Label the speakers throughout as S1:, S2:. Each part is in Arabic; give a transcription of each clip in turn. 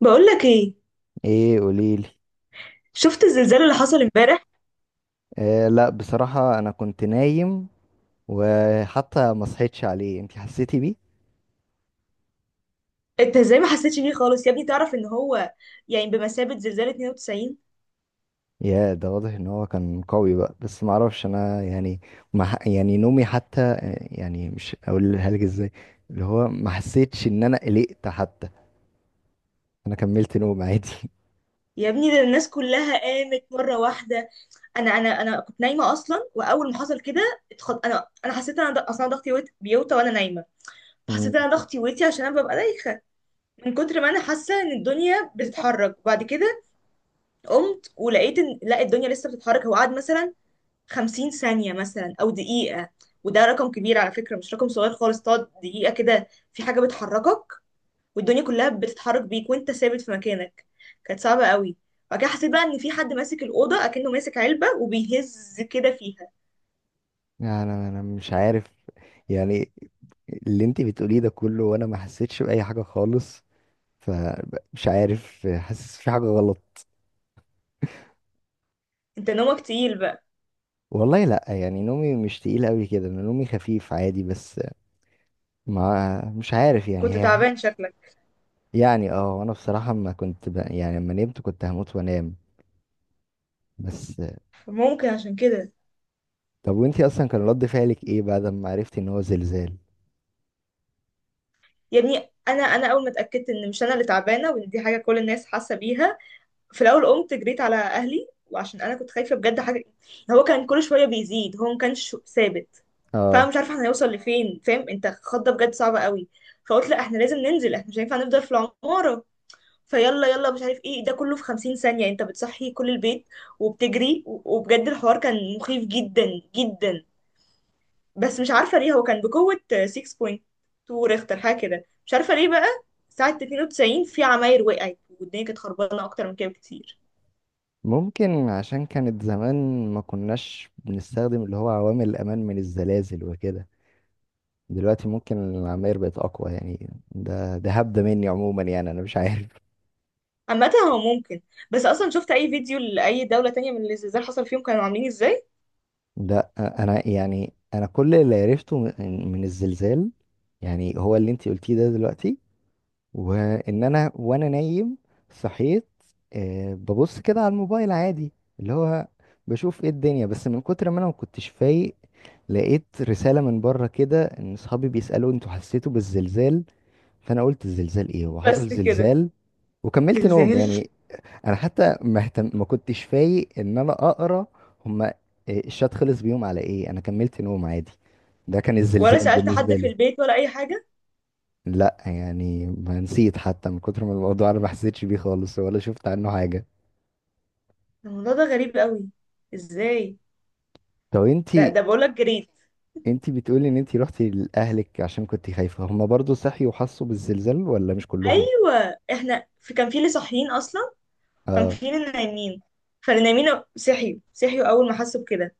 S1: بقول لك ايه.
S2: ايه قوليلي.
S1: شفت الزلزال اللي حصل امبارح؟
S2: آه، لا بصراحة انا كنت نايم، وحتى ما صحيتش عليه. انتي حسيتي بيه؟
S1: انت ازاي ما حسيتش بيه خالص يا ابني؟ تعرف ان هو يعني بمثابة زلزال 92.
S2: يا ده واضح ان هو كان قوي بقى، بس ما اعرفش انا ما يعني نومي حتى آه، مش اقولها لك ازاي، اللي هو ما حسيتش ان انا قلقت حتى. انا كملت نوم عادي.
S1: يا ابني ده الناس كلها قامت مرة واحدة. انا كنت نايمة اصلا، واول ما حصل كده انا حسيت ان انا اصلا ضغطي بيوطى وانا نايمة.
S2: مم.
S1: حسيت ان انا ضغطي ويتي عشان انا ببقى دايخة من كتر ما انا حاسة ان الدنيا بتتحرك. وبعد كده قمت ولقيت ان لا، الدنيا لسه بتتحرك. هو قعد مثلا 50 ثانية مثلا أو دقيقة، وده رقم كبير على فكرة، مش رقم صغير خالص. تقعد دقيقة كده في حاجة بتحركك والدنيا كلها بتتحرك بيك وانت ثابت في مكانك، كانت صعبة قوي. بعد كده حسيت بقى ان في حد ماسك الأوضة أكنه ماسك علبة وبيهز كده فيها.
S2: انا مش عارف، يعني اللي انتي بتقوليه ده كله وانا ما حسيتش بأي حاجة خالص، فمش عارف، حاسس في حاجة غلط.
S1: انت نومك تقيل بقى.
S2: والله لا، نومي مش تقيل قوي كده، انا نومي خفيف عادي، بس ما مش عارف
S1: كنت
S2: هي
S1: تعبان شكلك،
S2: اه، وانا بصراحة ما كنت لما نمت كنت هموت وانام بس.
S1: ممكن عشان كده.
S2: طب وانتي اصلا كان رد فعلك ايه بعد ما عرفتي ان هو زلزال؟
S1: يا ابني انا انا اول ما اتاكدت ان مش انا اللي تعبانه وان دي حاجه كل الناس حاسه بيها، في الاول قمت جريت على اهلي، وعشان انا كنت خايفه بجد حاجه. هو كان كل شويه بيزيد، هو ما كانش ثابت. فانا
S2: اه.
S1: مش عارفه احنا هنوصل لفين، فاهم؟ انت خضه بجد صعبه قوي. فقلت لا، احنا لازم ننزل، احنا مش هينفع نفضل في العماره. فيلا يلا مش عارف ايه ده كله في خمسين ثانيه، انت بتصحي كل البيت وبتجري وبجد الحوار كان مخيف جدا جدا. بس مش عارفه ليه هو كان بقوه 6.2 ريختر حاجه كده، مش عارفه ليه بقى. ساعه 92 في عماير وقعت والدنيا كانت خربانه اكتر من كده بكتير.
S2: ممكن عشان كانت زمان ما كناش بنستخدم اللي هو عوامل الامان من الزلازل وكده، دلوقتي ممكن العماير بقت اقوى. ده هبدة مني عموما، انا مش عارف.
S1: عامة هو ممكن، بس اصلا شفت اي فيديو لاي دولة تانية من اللي الزلزال حصل فيهم كانوا عاملين ازاي؟
S2: ده انا انا كل اللي عرفته من الزلزال، هو اللي انتي قلتيه ده دلوقتي، وان انا نايم صحيت آه، ببص كده على الموبايل عادي، اللي هو بشوف ايه الدنيا، بس من كتر ما انا ما كنتش فايق لقيت رسالة من بره كده ان اصحابي بيسألوا انتوا حسيتوا بالزلزال، فانا قلت الزلزال ايه؟ هو
S1: بس
S2: حصل
S1: كده؟
S2: زلزال؟ وكملت نوم
S1: زلزال؟
S2: انا حتى ما كنتش فايق ان انا اقرا هما إيه، الشات خلص بيهم على ايه. انا كملت نوم عادي. ده كان
S1: ولا
S2: الزلزال
S1: سألت حد
S2: بالنسبه
S1: في
S2: لي.
S1: البيت ولا اي حاجة؟
S2: لا ما نسيت حتى، من كتر ما الموضوع انا ما حسيتش بيه خالص ولا شفت عنه حاجه.
S1: الموضوع ده غريب قوي، ازاي؟
S2: طب
S1: ده
S2: انتي،
S1: ده بقولك جريت.
S2: انتي بتقولي ان انتي رحتي لاهلك عشان كنتي خايفه، هما برضو صحيوا وحسوا بالزلزال ولا مش كلهم؟
S1: ايوه احنا في كان في اللي صاحيين اصلا، كان
S2: اه
S1: في اللي نايمين، فاللي نايمين صحيوا، صحيوا اول ما حسوا بكده.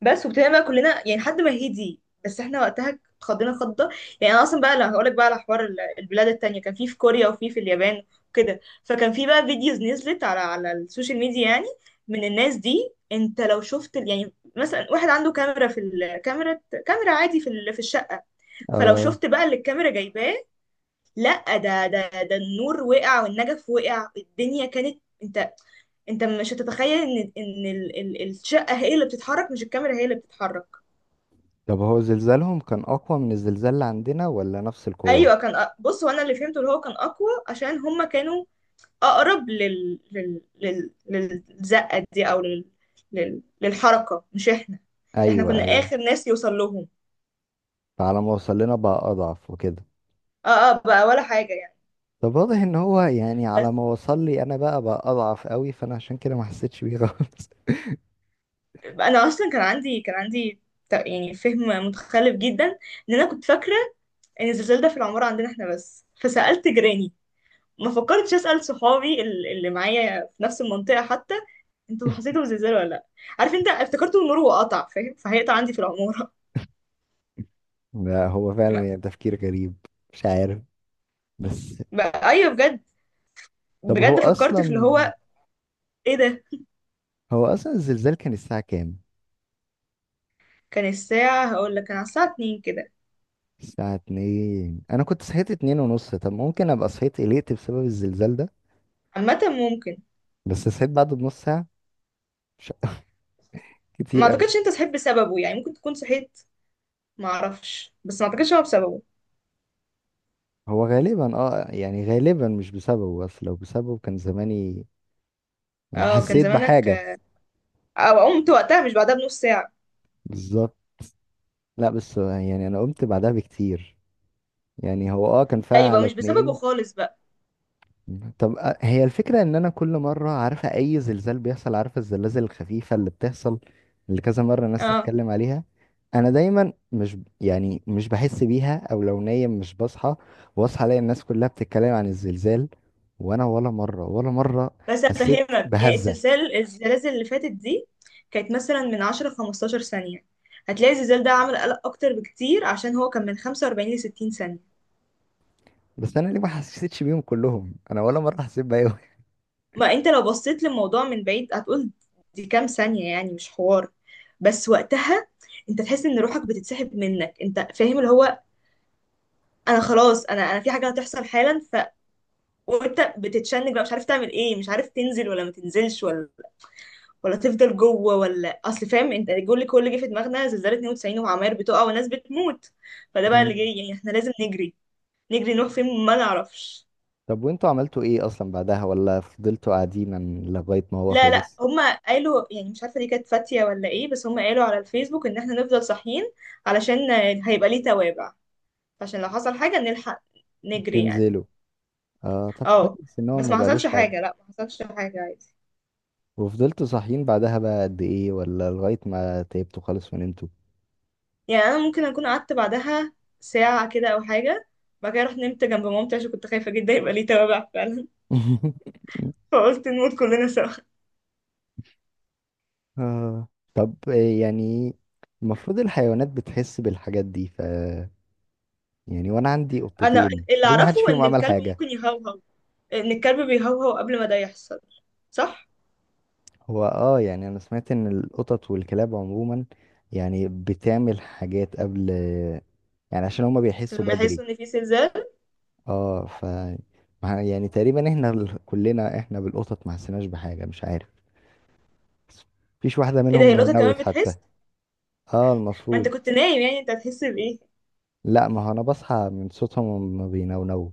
S1: بس وابتدينا بقى كلنا يعني لحد ما هدي، بس احنا وقتها اتخضينا خضه. يعني انا اصلا بقى لا هقولك بقى على حوار البلاد التانية، كان في في كوريا وفي في اليابان كده. فكان في بقى فيديوز نزلت على على السوشيال ميديا يعني من الناس دي. انت لو شفت يعني مثلا واحد عنده كاميرا، في الكاميرا، كاميرا عادي في في الشقة، فلو
S2: اه.
S1: شفت بقى اللي الكاميرا جايباه، لا ده النور وقع والنجف وقع، الدنيا كانت، انت انت مش هتتخيل ان الشقة هي اللي بتتحرك، مش الكاميرا هي اللي بتتحرك.
S2: طب هو زلزالهم كان اقوى من الزلزال اللي عندنا ولا نفس القوه؟
S1: ايوه كان بص، هو انا اللي فهمته اللي هو كان اقوى عشان هما كانوا اقرب للزقه دي، او للحركه مش احنا، احنا
S2: ايوه
S1: كنا
S2: ايوه،
S1: اخر ناس يوصل لهم.
S2: فعلى ما وصل لنا بقى اضعف وكده.
S1: اه اه بقى، ولا حاجه يعني.
S2: طب واضح ان هو
S1: بس
S2: على ما وصل لي انا بقى اضعف قوي، فانا عشان كده ما حسيتش بيه خالص.
S1: انا اصلا كان عندي، كان عندي يعني فهم متخلف جدا، ان انا كنت فاكره ان الزلزال ده في العماره عندنا احنا بس، فسالت جيراني. ما فكرتش اسال صحابي اللي معايا في نفس المنطقه حتى، انتوا حسيتوا بزلزال ولا لا؟ عارف انت افتكرته النور وقطع، فاهم؟ فهيقطع عندي في العماره.
S2: لا هو
S1: ما-
S2: فعلا تفكير غريب. مش عارف بس.
S1: بقى ايوه بجد،
S2: طب هو
S1: بجد فكرت في اللي
S2: اصلا،
S1: هو ايه ده.
S2: الزلزال كان الساعة كام؟
S1: كان الساعه هقول لك كان على الساعه 2 كده.
S2: الساعة اتنين؟ انا كنت صحيت اتنين ونص، طب ممكن ابقى صحيت قلقت بسبب الزلزال ده،
S1: عامه ممكن.
S2: بس صحيت بعده بنص ساعة، مش
S1: ما
S2: كتير قوي.
S1: اعتقدش انت صحيت بسببه، يعني ممكن تكون صحيت، ما اعرفش، بس ما اعتقدش هو بسببه.
S2: هو غالبا اه، غالبا مش بسببه، بس لو بسببه كان زماني
S1: اه كان
S2: حسيت
S1: زمانك
S2: بحاجة.
S1: او قمت وقتها مش بعدها بنص ساعه.
S2: بالظبط. لا بس انا قمت بعدها بكتير، هو اه كان
S1: لا
S2: فيها
S1: يبقى
S2: على
S1: مش بسببه
S2: اتنين.
S1: خالص بقى.
S2: طب آه، هي الفكرة ان انا كل مرة عارفة اي زلزال بيحصل، عارفة الزلازل الخفيفة اللي بتحصل اللي كذا مرة الناس
S1: اه،
S2: تتكلم عليها، انا دايما مش بحس بيها، او لو نايم مش بصحى، واصحى الاقي الناس كلها بتتكلم عن الزلزال وانا ولا مرة، ولا مرة
S1: بس
S2: حسيت
S1: هفهمك يعني
S2: بهزة.
S1: السلسال الزلازل اللي فاتت دي كانت مثلا من 10 15 ثانية، هتلاقي الزلزال ده عمل قلق أكتر بكتير عشان هو كان من 45 ل 60 ثانية.
S2: بس انا ليه ما حسيتش بيهم كلهم؟ انا ولا مرة حسيت بيهم.
S1: ما أنت لو بصيت للموضوع من بعيد هتقول دي كام ثانية، يعني مش حوار. بس وقتها أنت تحس إن روحك بتتسحب منك، أنت فاهم؟ اللي هو أنا خلاص، أنا في حاجة هتحصل حالا، ف وأنت بتتشنج بقى، مش عارف تعمل إيه، مش عارف تنزل ولا ما تنزلش، ولا ولا تفضل جوه، ولا اصل، فاهم انت الجول اللي كل اللي جه في دماغنا زلزال 92 وعماير بتقع وناس بتموت، فده بقى اللي
S2: مم.
S1: جاي يعني احنا لازم نجري، نجري نروح فين ما نعرفش.
S2: طب وانتوا عملتوا ايه اصلا بعدها؟ ولا فضلتوا قاعدين لغاية ما هو
S1: لا لا،
S2: خلص؟
S1: هما قالوا، يعني مش عارفه دي كانت فاتيه ولا ايه، بس هما قالوا على الفيسبوك ان احنا نفضل صاحيين علشان هيبقى ليه توابع، عشان لو حصل حاجه نلحق نجري يعني.
S2: تنزلوا؟ اه، طب
S1: اه،
S2: كويس ان هو
S1: بس
S2: ما
S1: ما حصلش
S2: بقالوش حاجه.
S1: حاجه، لا ما حصلش حاجه عادي.
S2: وفضلتوا صاحيين بعدها بقى قد ايه؟ ولا لغايه ما تعبتوا خالص ونمتوا؟
S1: يعني انا ممكن اكون قعدت بعدها ساعه كده او حاجه، بعد كده رحت نمت جنب مامتي عشان كنت خايفه جدا يبقى ليه توابع فعلا، فقلت نموت كلنا سوا.
S2: اه. طب إيه المفروض الحيوانات بتحس بالحاجات دي، ف وانا عندي
S1: انا
S2: قطتين
S1: اللي
S2: ليه ما حدش
S1: اعرفه
S2: فيهم
S1: ان
S2: عمل
S1: الكلب
S2: حاجه؟
S1: ممكن يهوهو، ان الكلب بيهوهو قبل ما ده يحصل، صح؟
S2: هو اه، انا سمعت ان القطط والكلاب عموما بتعمل حاجات قبل، عشان هما بيحسوا
S1: لما يحس
S2: بدري.
S1: ان في زلزال.
S2: اه ف تقريبا احنا كلنا احنا بالقطط ما حسيناش بحاجه. مش عارف، مفيش واحدة
S1: ايه ده،
S2: منهم
S1: هي القطه كمان
S2: نونوت حتى.
S1: بتحس؟
S2: اه
S1: ما
S2: المفروض.
S1: انت كنت نايم يعني انت هتحس بايه؟
S2: لا ما هو انا بصحى من صوتهم ما بينونوا.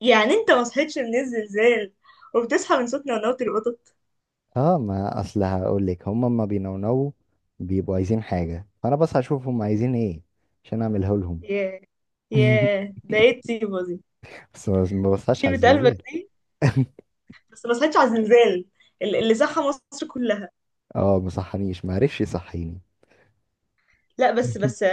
S1: يعني انت ما صحيتش من الزلزال وبتصحى من صوت نونوت القطط؟
S2: اه، ما اصل هقول لك، هما ما بينونوا بيبقوا عايزين حاجة، فانا بصحى اشوف هما عايزين ايه عشان اعملها لهم.
S1: ياه، ياه ده ايه الطيبه دي.
S2: بس ما بصحاش على
S1: طيبه قلبك
S2: الزلزال.
S1: دي، بس ما صحيتش على الزلزال، اللي صحى مصر كلها.
S2: اه ما صحانيش، ما عرفش يصحيني.
S1: لا بس بس،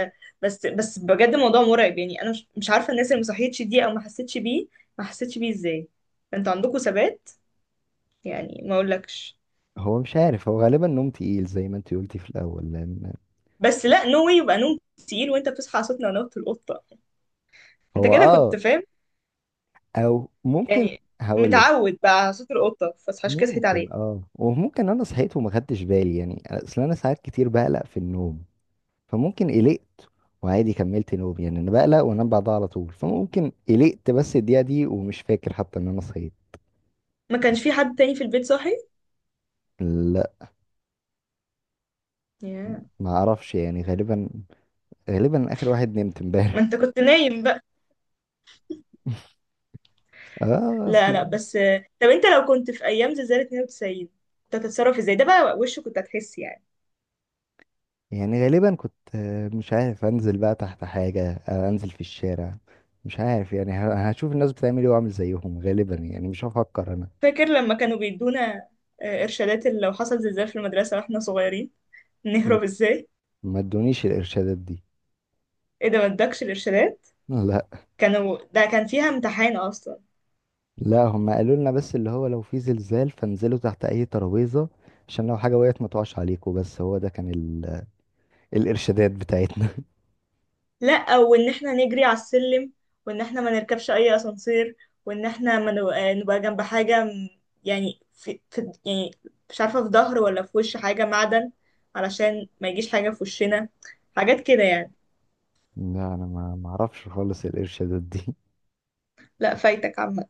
S1: بس بجد الموضوع مرعب. يعني انا مش عارفه الناس اللي ما صحيتش دي او ما حسيتش بيه، ما حسيتش بيه ازاي؟ انتوا عندكم ثبات، يعني ما اقولكش.
S2: هو مش عارف، هو غالبا نوم تقيل زي ما انت قلتي في الاول لان.
S1: بس لا، نو واي يبقى نوم تقيل وانت بتصحى على صوت نونوت القطه. انت
S2: هو
S1: كده كنت
S2: اه،
S1: فاهم
S2: او ممكن،
S1: يعني
S2: هقول لك،
S1: متعود بقى على صوت القطه، فصحاش كده، صحيت
S2: ممكن
S1: عليه.
S2: اه، وممكن انا صحيت وما خدتش بالي، اصل انا ساعات كتير بقلق في النوم، فممكن قلقت وعادي كملت نوم. انا بقلق وانام بعدها على طول، فممكن قلقت بس الدقيقة دي ومش فاكر حتى ان انا صحيت.
S1: ما كانش في حد تاني في البيت صاحي؟
S2: لا.
S1: Yeah.
S2: ما اعرفش، غالبا، غالبا اخر واحد نمت
S1: ما
S2: امبارح.
S1: انت كنت نايم بقى.
S2: اه
S1: لا
S2: اصل.
S1: لا، بس طب انت لو كنت في ايام زلزال 92، كنت هتتصرف ازاي ده بقى؟ وشه كنت هتحس يعني.
S2: غالبا كنت آه، مش عارف انزل بقى تحت حاجة آه، انزل في الشارع. مش عارف، هشوف الناس بتعمل ايه واعمل زيهم غالبا، مش هفكر انا.
S1: فاكر لما كانوا بيدونا إرشادات اللي لو حصل زلزال في المدرسة واحنا صغيرين،
S2: م-
S1: نهرب ازاي؟
S2: ما ادونيش الارشادات دي.
S1: ايه ده ما ادكش الإرشادات؟
S2: لا،
S1: كانوا، ده كان فيها امتحان أصلا.
S2: لا هم قالوا لنا بس اللي هو لو في زلزال فانزلوا تحت اي ترابيزة عشان لو حاجة وقعت ما تقعش عليكم، بس هو ده كان الارشادات بتاعتنا.
S1: لأ، وإن احنا نجري على السلم، وإن احنا ما نركبش أي أسانسير، وإن احنا ما نو- آه، نبقى جنب حاجة يعني في, في يعني مش عارفة في ظهر ولا في وش حاجة معدن، علشان ما يجيش حاجة في وشنا، حاجات كده يعني.
S2: لا انا ما اعرفش خالص الارشادات دي.
S1: لأ فايتك عامة،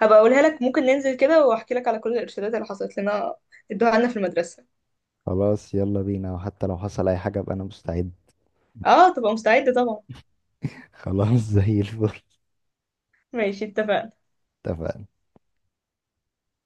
S1: هبقى أقولها لك. ممكن ننزل كده وأحكي لك على كل الإرشادات اللي حصلت لنا، ادوها لنا في المدرسة.
S2: خلاص يلا بينا، وحتى لو حصل اي حاجة ابقى انا مستعد.
S1: اه تبقى مستعدة طبعا.
S2: خلاص زي الفل.
S1: ماشي، اتفقنا.
S2: اتفقنا.